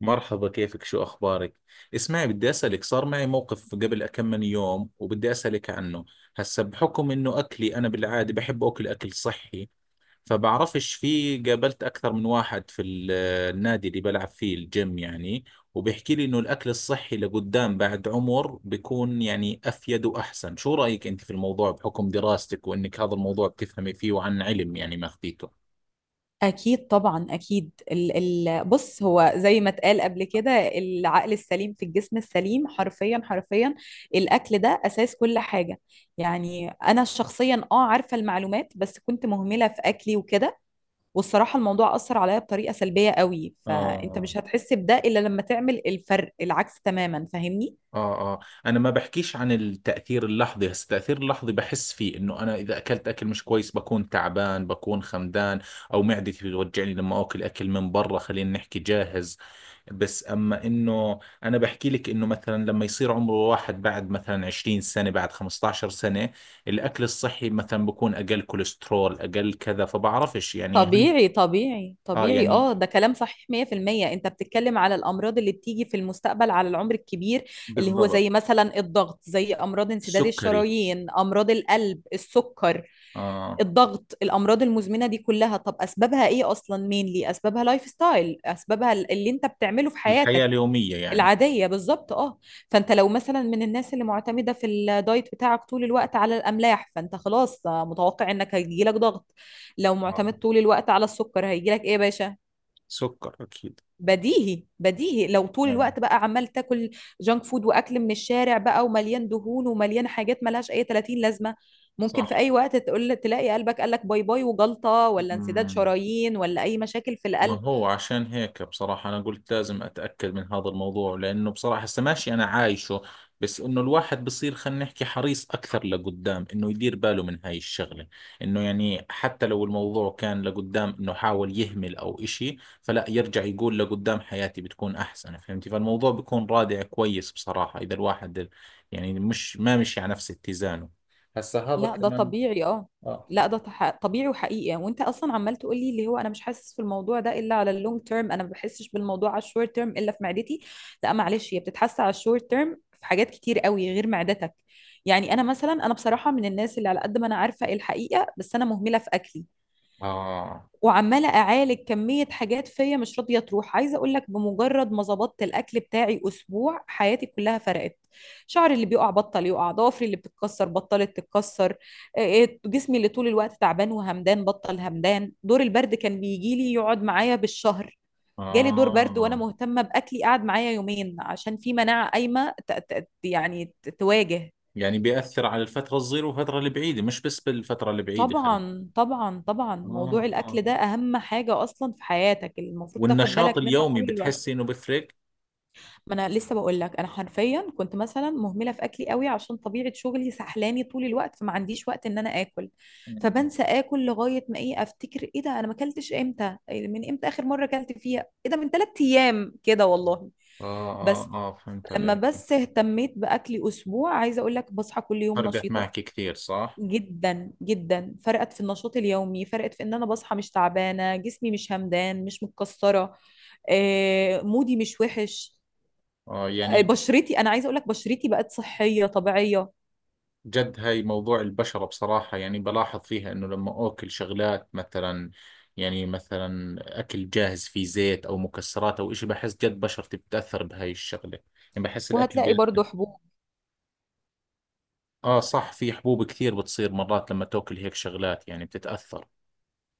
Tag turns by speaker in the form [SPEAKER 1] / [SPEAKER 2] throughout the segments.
[SPEAKER 1] مرحبا، كيفك؟ شو أخبارك؟ اسمعي، بدي أسألك، صار معي موقف قبل كم من يوم وبدي أسألك عنه. هسا بحكم إنه أكلي أنا بالعادة بحب أكل أكل صحي، فبعرفش، في قابلت أكثر من واحد في النادي اللي بلعب فيه الجيم يعني، وبيحكي لي إنه الأكل الصحي لقدام بعد عمر بيكون يعني أفيد وأحسن. شو رأيك أنت في الموضوع بحكم دراستك وإنك هذا الموضوع بتفهمي فيه وعن علم يعني ماخذيته؟
[SPEAKER 2] أكيد طبعا أكيد ال ال بص هو زي ما اتقال قبل كده، العقل السليم في الجسم السليم، حرفيا حرفيا. الأكل ده أساس كل حاجة. يعني أنا شخصيا عارفة المعلومات بس كنت مهملة في أكلي وكده، والصراحة الموضوع أثر عليا بطريقة سلبية قوي. فأنت
[SPEAKER 1] آه.
[SPEAKER 2] مش هتحس بده إلا لما تعمل الفرق العكس تماما، فاهمني؟
[SPEAKER 1] اه. انا ما بحكيش عن التاثير اللحظي، هسه التاثير اللحظي بحس فيه انه انا اذا اكلت اكل مش كويس بكون تعبان، بكون خمدان، او معدتي بتوجعني لما اكل اكل من برا خلينا نحكي جاهز. بس اما انه انا بحكي لك انه مثلا لما يصير عمره واحد بعد مثلا 20 سنه، بعد 15 سنه، الاكل الصحي مثلا بكون اقل كوليسترول اقل كذا، فبعرفش يعني هل.
[SPEAKER 2] طبيعي طبيعي
[SPEAKER 1] اه
[SPEAKER 2] طبيعي،
[SPEAKER 1] يعني
[SPEAKER 2] ده كلام صحيح 100%. انت بتتكلم على الامراض اللي بتيجي في المستقبل على العمر الكبير، اللي هو
[SPEAKER 1] بالضبط.
[SPEAKER 2] زي مثلا الضغط، زي امراض انسداد
[SPEAKER 1] السكري.
[SPEAKER 2] الشرايين، امراض القلب، السكر،
[SPEAKER 1] اه.
[SPEAKER 2] الضغط، الامراض المزمنه دي كلها. طب اسبابها ايه اصلا؟ مين ليه اسبابها؟ لايف ستايل. اسبابها اللي انت بتعمله في
[SPEAKER 1] الحياه
[SPEAKER 2] حياتك
[SPEAKER 1] اليوميه يعني.
[SPEAKER 2] العادية، بالظبط، اه. فانت لو مثلا من الناس اللي معتمدة في الدايت بتاعك طول الوقت على الأملاح، فانت خلاص متوقع انك هيجيلك ضغط. لو
[SPEAKER 1] آه.
[SPEAKER 2] معتمد طول الوقت على السكر، هيجيلك ايه يا باشا؟
[SPEAKER 1] سكر اكيد.
[SPEAKER 2] بديهي بديهي. لو طول
[SPEAKER 1] آه.
[SPEAKER 2] الوقت بقى عمال تاكل جانك فود واكل من الشارع بقى ومليان دهون ومليان حاجات ملهاش اي 30 لازمة، ممكن في
[SPEAKER 1] صح.
[SPEAKER 2] اي وقت تقول تلاقي قلبك قالك باي باي، وجلطة ولا انسداد
[SPEAKER 1] مم.
[SPEAKER 2] شرايين ولا اي مشاكل في
[SPEAKER 1] ما
[SPEAKER 2] القلب.
[SPEAKER 1] هو عشان هيك بصراحة أنا قلت لازم أتأكد من هذا الموضوع، لأنه بصراحة هسه ماشي أنا عايشه، بس إنه الواحد بصير خلينا نحكي حريص أكثر لقدام، إنه يدير باله من هاي الشغلة، إنه يعني حتى لو الموضوع كان لقدام، إنه حاول يهمل أو إشي فلا، يرجع يقول لقدام حياتي بتكون أحسن، فهمتي؟ فالموضوع بيكون رادع كويس بصراحة إذا الواحد يعني مش ما مشي على نفس اتزانه. هسه هذا
[SPEAKER 2] لا ده
[SPEAKER 1] كمان.
[SPEAKER 2] طبيعي، اه.
[SPEAKER 1] آه.
[SPEAKER 2] لا ده طبيعي وحقيقي يعني. وانت اصلا عمال تقول لي اللي هو انا مش حاسس في الموضوع ده الا على اللونج تيرم، انا ما بحسش بالموضوع على الشورت تيرم الا في معدتي. لا معلش، هي بتتحس على الشورت تيرم في حاجات كتير قوي غير معدتك. يعني انا مثلا بصراحه من الناس اللي على قد ما انا عارفه إيه الحقيقه، بس انا مهمله في اكلي،
[SPEAKER 1] آه.
[SPEAKER 2] وعماله اعالج كميه حاجات فيا مش راضيه تروح. عايزه اقول لك بمجرد ما ظبطت الاكل بتاعي اسبوع، حياتي كلها فرقت. شعري اللي بيقع بطل يقع، ضوافري اللي بتتكسر بطلت تتكسر، آه، آه، جسمي اللي طول الوقت تعبان وهمدان بطل همدان. دور البرد كان بيجي لي يقعد معايا بالشهر، جالي دور برد وانا
[SPEAKER 1] آه
[SPEAKER 2] مهتمه باكلي قعد معايا يومين، عشان في مناعه قايمه تواجه.
[SPEAKER 1] يعني بيأثر على الفترة الصغيرة والفترة البعيدة، مش بس بالفترة البعيدة خلينا.
[SPEAKER 2] طبعا طبعا طبعا، موضوع
[SPEAKER 1] آه آه.
[SPEAKER 2] الاكل ده اهم حاجه اصلا في حياتك، المفروض تاخد
[SPEAKER 1] والنشاط
[SPEAKER 2] بالك منها
[SPEAKER 1] اليومي
[SPEAKER 2] طول الوقت.
[SPEAKER 1] بتحسي إنه بفرق؟
[SPEAKER 2] ما انا لسه بقول لك، انا حرفيا كنت مثلا مهمله في اكلي قوي عشان طبيعه شغلي سحلاني طول الوقت، فما عنديش وقت ان انا اكل،
[SPEAKER 1] مم.
[SPEAKER 2] فبنسى اكل لغايه ما ايه، افتكر ايه ده انا ما اكلتش امتى، إيه من امتى اخر مره اكلت فيها، ايه ده من ثلاث ايام كده والله.
[SPEAKER 1] آه آه
[SPEAKER 2] بس
[SPEAKER 1] آه. فهمت
[SPEAKER 2] لما
[SPEAKER 1] عليك.
[SPEAKER 2] بس اهتميت باكلي اسبوع، عايزه اقول لك بصحى كل يوم
[SPEAKER 1] فرقت
[SPEAKER 2] نشيطه،
[SPEAKER 1] معك كثير صح؟
[SPEAKER 2] جدا جدا. فرقت في النشاط اليومي، فرقت في ان انا بصحى مش تعبانه، جسمي مش همدان، مش متكسره، آه، مودي مش وحش،
[SPEAKER 1] آه
[SPEAKER 2] آه،
[SPEAKER 1] يعني.
[SPEAKER 2] بشرتي، انا عايزه اقول لك بشرتي بقت صحيه طبيعيه.
[SPEAKER 1] جد هاي موضوع البشرة بصراحة يعني بلاحظ فيها إنه لما أكل شغلات مثلا، يعني مثلا أكل جاهز فيه زيت أو مكسرات أو إشي، بحس جد بشرتي بتأثر بهاي الشغلة، يعني بحس الأكل
[SPEAKER 2] وهتلاقي
[SPEAKER 1] بيأثر.
[SPEAKER 2] برضو حبوب.
[SPEAKER 1] اه صح، في حبوب كثير بتصير مرات لما تاكل هيك شغلات، يعني بتتأثر.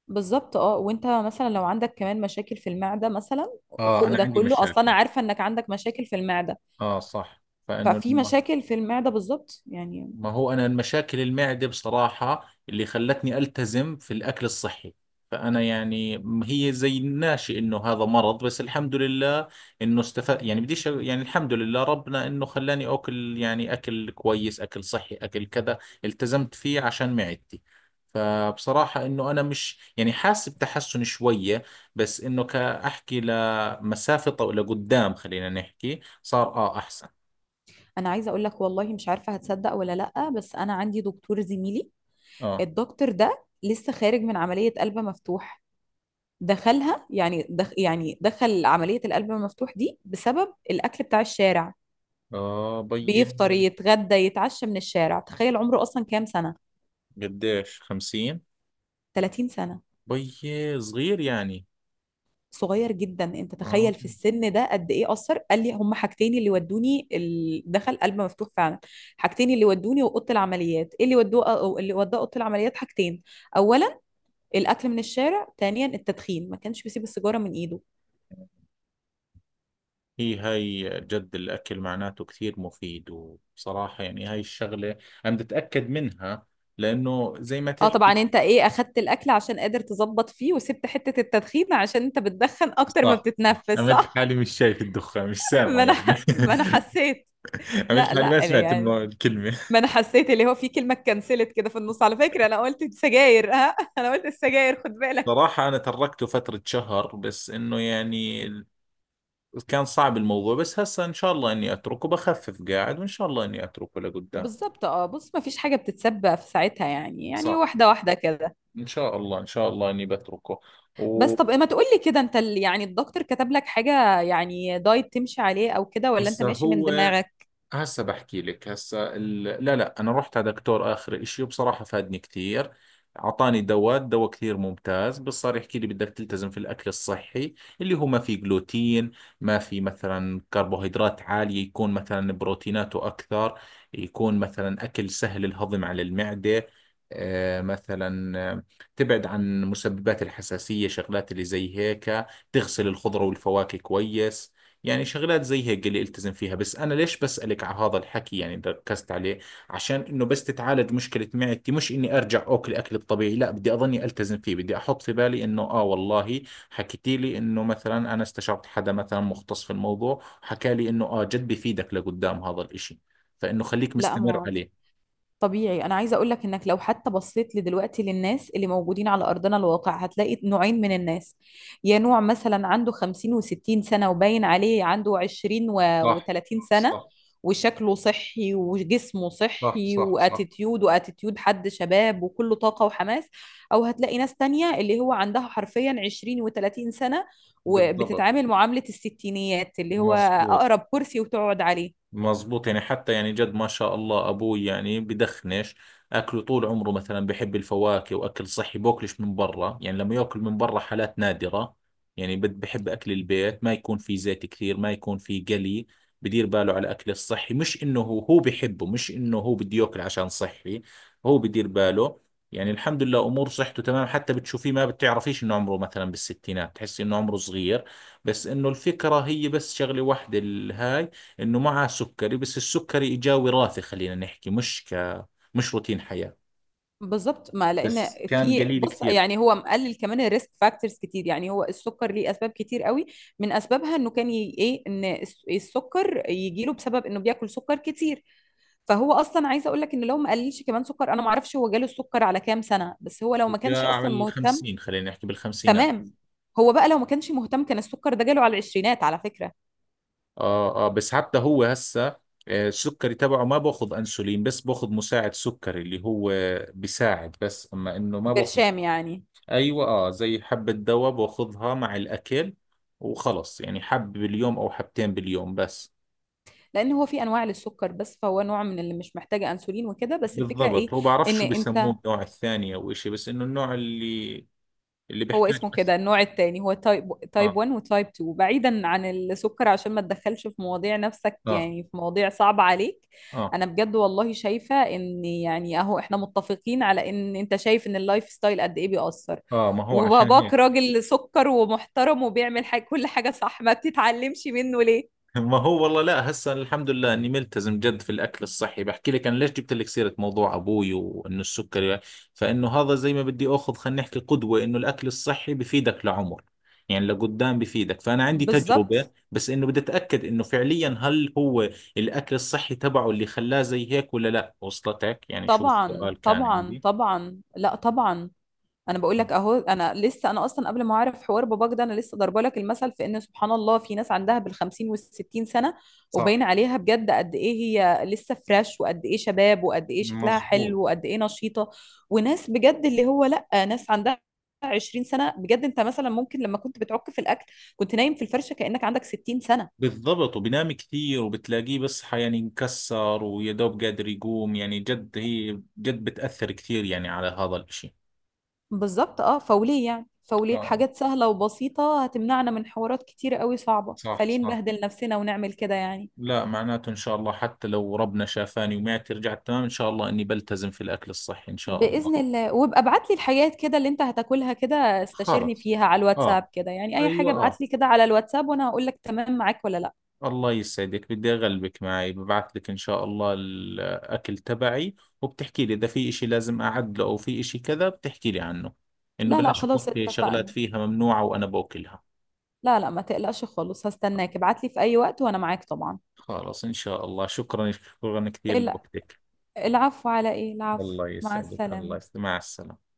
[SPEAKER 2] بالظبط اه. وانت مثلا لو عندك كمان مشاكل في المعده مثلا،
[SPEAKER 1] اه
[SPEAKER 2] وفوق
[SPEAKER 1] انا
[SPEAKER 2] ده
[SPEAKER 1] عندي
[SPEAKER 2] كله اصلا انا
[SPEAKER 1] مشاكل.
[SPEAKER 2] عارفه انك عندك مشاكل في المعده،
[SPEAKER 1] اه صح، فانه
[SPEAKER 2] ففي
[SPEAKER 1] لما.
[SPEAKER 2] مشاكل في المعده بالظبط يعني.
[SPEAKER 1] ما هو أنا المشاكل المعدة بصراحة اللي خلتني ألتزم في الأكل الصحي. فأنا يعني هي زي ناشئ إنه هذا مرض، بس الحمد لله إنه استفاد، يعني بديش يعني، الحمد لله ربنا إنه خلاني أكل يعني أكل كويس، أكل صحي، أكل كذا. التزمت فيه عشان معدتي، فبصراحة إنه أنا مش يعني حاسس بتحسن شوية، بس إنه كأحكي لمسافة لقدام خلينا نحكي، صار آه أحسن.
[SPEAKER 2] انا عايزه اقول لك والله مش عارفه هتصدق ولا لا، بس انا عندي دكتور زميلي،
[SPEAKER 1] آه
[SPEAKER 2] الدكتور ده لسه خارج من عمليه قلب مفتوح. دخلها يعني دخ يعني دخل عمليه القلب المفتوح دي بسبب الاكل بتاع الشارع.
[SPEAKER 1] آه. بيي.
[SPEAKER 2] بيفطر يتغدى يتعشى من الشارع، تخيل عمره اصلا كام سنه؟
[SPEAKER 1] قديش؟ 50؟
[SPEAKER 2] 30 سنه،
[SPEAKER 1] بي صغير يعني.
[SPEAKER 2] صغير جدا. انت
[SPEAKER 1] آه.
[SPEAKER 2] تخيل في السن ده قد ايه اثر! قال لي هما حاجتين اللي ودوني دخل قلب مفتوح فعلا. حاجتين اللي ودوني واوضه العمليات، ايه اللي ودوه أو اللي وداه اوضه العمليات، حاجتين: اولا الاكل من الشارع، ثانيا التدخين، ما كانش بيسيب السيجاره من ايده.
[SPEAKER 1] هي هاي جد الأكل معناته كثير مفيد، وبصراحة يعني هاي الشغلة أنا بتأكد منها، لأنه زي ما
[SPEAKER 2] اه طبعا،
[SPEAKER 1] تحكي.
[SPEAKER 2] انت ايه، اخدت الاكل عشان قادر تظبط فيه، وسبت حته التدخين عشان انت بتدخن اكتر ما
[SPEAKER 1] صح.
[SPEAKER 2] بتتنفس،
[SPEAKER 1] عملت
[SPEAKER 2] صح؟
[SPEAKER 1] حالي مش شايف الدخان، مش
[SPEAKER 2] ما
[SPEAKER 1] سامعه
[SPEAKER 2] انا
[SPEAKER 1] يعني.
[SPEAKER 2] ما انا حسيت.
[SPEAKER 1] عملت
[SPEAKER 2] لا
[SPEAKER 1] حالي
[SPEAKER 2] لا
[SPEAKER 1] ما سمعت
[SPEAKER 2] يعني،
[SPEAKER 1] الكلمة.
[SPEAKER 2] ما انا حسيت اللي هو في كلمه اتكنسلت كده في النص على فكره، انا قلت سجاير ها انا قلت السجاير، خد بالك.
[SPEAKER 1] صراحة أنا تركته فترة شهر، بس إنه يعني كان صعب الموضوع، بس هسا إن شاء الله إني أتركه، بخفف قاعد وإن شاء الله إني أتركه لقدام.
[SPEAKER 2] بالظبط اه. بص ما فيش حاجه بتتسبق في ساعتها يعني، يعني
[SPEAKER 1] صح.
[SPEAKER 2] واحده واحده كده.
[SPEAKER 1] ان شاء الله، ان شاء الله اني بتركه.
[SPEAKER 2] بس
[SPEAKER 1] و،
[SPEAKER 2] طب ما تقولي كده، انت الدكتور كتب لك حاجه يعني دايت تمشي عليه او كده، ولا انت
[SPEAKER 1] هسا
[SPEAKER 2] ماشي من
[SPEAKER 1] هو،
[SPEAKER 2] دماغك؟
[SPEAKER 1] هسه بحكي لك، لا لا، انا رحت على دكتور اخر اشي وبصراحة فادني كثير. اعطاني دواء كثير ممتاز، بس صار يحكي لي بدك تلتزم في الاكل الصحي، اللي هو ما في جلوتين، ما في مثلا كربوهيدرات عالية، يكون مثلا بروتيناته اكثر، يكون مثلا اكل سهل الهضم على المعدة، آه مثلا آه، تبعد عن مسببات الحساسية، شغلات اللي زي هيك، تغسل الخضرة والفواكه كويس، يعني شغلات زي هيك اللي التزم فيها. بس انا ليش بسألك على هذا الحكي يعني ركزت عليه، عشان انه بس تتعالج مشكلة معدتي، مش اني ارجع اكل اكل الطبيعي، لا بدي اظني التزم فيه، بدي احط في بالي انه اه والله حكيتي لي انه مثلا انا استشرت حدا مثلا مختص في الموضوع حكى لي انه اه جد بفيدك لقدام هذا الاشي، فانه خليك
[SPEAKER 2] لا
[SPEAKER 1] مستمر
[SPEAKER 2] ما
[SPEAKER 1] عليه.
[SPEAKER 2] طبيعي. انا عايزه اقول لك انك لو حتى بصيت لدلوقتي للناس اللي موجودين على ارضنا الواقع، هتلاقي نوعين من الناس. يا نوع مثلا عنده 50 و60 سنه وباين عليه عنده 20
[SPEAKER 1] صح
[SPEAKER 2] و30 سنه
[SPEAKER 1] صح
[SPEAKER 2] وشكله صحي وجسمه
[SPEAKER 1] صح.
[SPEAKER 2] صحي،
[SPEAKER 1] صح صح.
[SPEAKER 2] واتيتيود حد شباب وكله طاقه وحماس. او هتلاقي ناس تانية اللي هو عندها حرفيا 20 و30 سنه
[SPEAKER 1] بالضبط.
[SPEAKER 2] وبتتعامل معامله الستينيات، اللي هو
[SPEAKER 1] مظبوط.
[SPEAKER 2] اقرب كرسي وتقعد عليه.
[SPEAKER 1] مزبوط يعني، حتى يعني جد ما شاء الله ابوي يعني بدخنش، اكله طول عمره مثلا بحب الفواكه واكل صحي، بوكلش من برا، يعني لما ياكل من برا حالات نادرة، يعني بحب اكل البيت، ما يكون في زيت كثير، ما يكون في قلي، بدير باله على الاكل الصحي، مش انه هو بحبه، مش انه هو بده ياكل عشان صحي، هو بدير باله. يعني الحمد لله امور صحته تمام، حتى بتشوفيه ما بتعرفيش انه عمره، مثلا بالستينات تحسي انه عمره صغير. بس انه الفكرة هي بس شغلة واحدة الهاي، انه معه سكري، بس السكري اجاه وراثي خلينا نحكي، مش روتين حياة.
[SPEAKER 2] بالظبط. ما لان
[SPEAKER 1] بس كان
[SPEAKER 2] في،
[SPEAKER 1] قليل
[SPEAKER 2] بص
[SPEAKER 1] كثير.
[SPEAKER 2] يعني، هو مقلل كمان الريسك فاكتورز كتير، يعني هو السكر ليه اسباب كتير قوي. من اسبابها انه كان ي... ايه ان السكر يجي له بسبب انه بياكل سكر كتير. فهو اصلا عايزه اقول لك ان لو ما قللش كمان سكر، انا ما اعرفش هو جاله السكر على كام سنه، بس هو لو ما كانش
[SPEAKER 1] اجاه على
[SPEAKER 2] اصلا مهتم.
[SPEAKER 1] الخمسين خلينا نحكي، بالخمسينات.
[SPEAKER 2] تمام. هو بقى لو ما كانش مهتم، كان السكر ده جاله على العشرينات على فكره.
[SPEAKER 1] اه اه، بس حتى هو هسه آه، السكري تبعه ما باخذ انسولين، بس باخذ مساعد سكري اللي هو بيساعد، بس اما انه ما باخذ.
[SPEAKER 2] برشام يعني.
[SPEAKER 1] ايوه اه، زي حبة دواء باخذها مع الاكل وخلص، يعني حب باليوم او حبتين باليوم بس.
[SPEAKER 2] لان هو في انواع للسكر، بس فهو نوع من اللي مش محتاجه انسولين وكده، بس الفكره
[SPEAKER 1] بالضبط،
[SPEAKER 2] ايه،
[SPEAKER 1] هو بعرف
[SPEAKER 2] ان
[SPEAKER 1] شو
[SPEAKER 2] انت،
[SPEAKER 1] بيسموه، النوع الثاني او اشي، بس انه النوع اللي
[SPEAKER 2] هو
[SPEAKER 1] بيحتاج
[SPEAKER 2] اسمه
[SPEAKER 1] بس.
[SPEAKER 2] كده النوع التاني، هو تايب
[SPEAKER 1] اه.
[SPEAKER 2] 1 وتايب 2. بعيدا عن السكر عشان ما تدخلش في مواضيع نفسك،
[SPEAKER 1] اه.
[SPEAKER 2] يعني في مواضيع صعبة عليك.
[SPEAKER 1] اه.
[SPEAKER 2] انا بجد والله شايفة ان يعني اهو احنا متفقين على ان انت شايف ان اللايف ستايل قد ايه بيأثر.
[SPEAKER 1] اه ما هو عشان
[SPEAKER 2] وباباك
[SPEAKER 1] هيك.
[SPEAKER 2] راجل سكر ومحترم وبيعمل حاجة كل حاجة صح، ما بتتعلمش منه ليه؟
[SPEAKER 1] ما هو والله، لا هسه الحمد لله اني ملتزم جد في الاكل الصحي. بحكي لك انا ليش جبت لك سيره موضوع ابوي وانه السكري، فانه هذا زي ما بدي اخذ خلينا نحكي قدوه، انه الاكل الصحي بفيدك لعمر، يعني لقدام بفيدك. فانا عندي
[SPEAKER 2] بالظبط،
[SPEAKER 1] تجربه، بس انه بدي اتاكد انه فعليا هل هو الاكل الصحي تبعه اللي خلاه زي هيك ولا لا. وصلتك يعني شو
[SPEAKER 2] طبعا
[SPEAKER 1] السؤال كان
[SPEAKER 2] طبعا
[SPEAKER 1] عندي؟
[SPEAKER 2] طبعا، لا طبعا. انا بقول لك اهو، انا لسه، انا اصلا قبل ما اعرف حوار باباك ده، انا لسه ضربه لك المثل في ان سبحان الله في ناس عندها بالخمسين والستين سنه
[SPEAKER 1] صح.
[SPEAKER 2] وباين عليها بجد قد ايه هي لسه فريش، وقد ايه شباب، وقد ايه شكلها
[SPEAKER 1] مزبوط.
[SPEAKER 2] حلو، وقد ايه نشيطه. وناس بجد اللي هو لا، ناس عندها 20 سنه بجد، انت مثلا ممكن لما كنت بتعك في الاكل كنت نايم في الفرشه كانك عندك 60 سنه.
[SPEAKER 1] بالضبط، وبنام كثير وبتلاقيه بس يعني مكسر ويا دوب قادر يقوم، يعني جد هي جد بتأثر كثير يعني على هذا الاشي.
[SPEAKER 2] بالظبط اه. فوليه يعني، فوليه
[SPEAKER 1] اه.
[SPEAKER 2] حاجات سهله وبسيطه هتمنعنا من حوارات كتيره قوي صعبه،
[SPEAKER 1] صح
[SPEAKER 2] فليه
[SPEAKER 1] صح.
[SPEAKER 2] نبهدل نفسنا ونعمل كده يعني؟
[SPEAKER 1] لا معناته ان شاء الله حتى لو ربنا شافاني ومعدتي رجعت تمام، ان شاء الله اني بلتزم في الاكل الصحي ان شاء الله.
[SPEAKER 2] بإذن الله. وابقى ابعت لي الحاجات كده اللي انت هتاكلها كده، استشيرني
[SPEAKER 1] خلص.
[SPEAKER 2] فيها على الواتساب
[SPEAKER 1] اه.
[SPEAKER 2] كده. يعني اي حاجة
[SPEAKER 1] ايوه
[SPEAKER 2] ابعت
[SPEAKER 1] اه.
[SPEAKER 2] لي كده على الواتساب وانا هقول لك تمام معاك ولا لا.
[SPEAKER 1] الله يسعدك، بدي أغلبك معي، ببعث لك إن شاء الله الأكل تبعي، وبتحكي لي إذا في إشي لازم أعدله أو في إشي كذا بتحكي لي عنه، إنه
[SPEAKER 2] لا لا
[SPEAKER 1] بلاش
[SPEAKER 2] خلاص
[SPEAKER 1] يكون في شغلات
[SPEAKER 2] اتفقنا.
[SPEAKER 1] فيها ممنوعة وأنا بأكلها.
[SPEAKER 2] لا لا ما تقلقش خالص، هستناك ابعت لي في اي وقت وانا معاك طبعا.
[SPEAKER 1] خلاص إن شاء الله، شكرا، شكرا كثير
[SPEAKER 2] الع-
[SPEAKER 1] لوقتك.
[SPEAKER 2] العفو على ايه؟ العفو.
[SPEAKER 1] الله
[SPEAKER 2] مع
[SPEAKER 1] يسعدك، الله
[SPEAKER 2] السلامة.
[SPEAKER 1] يسعدك، مع السلامة.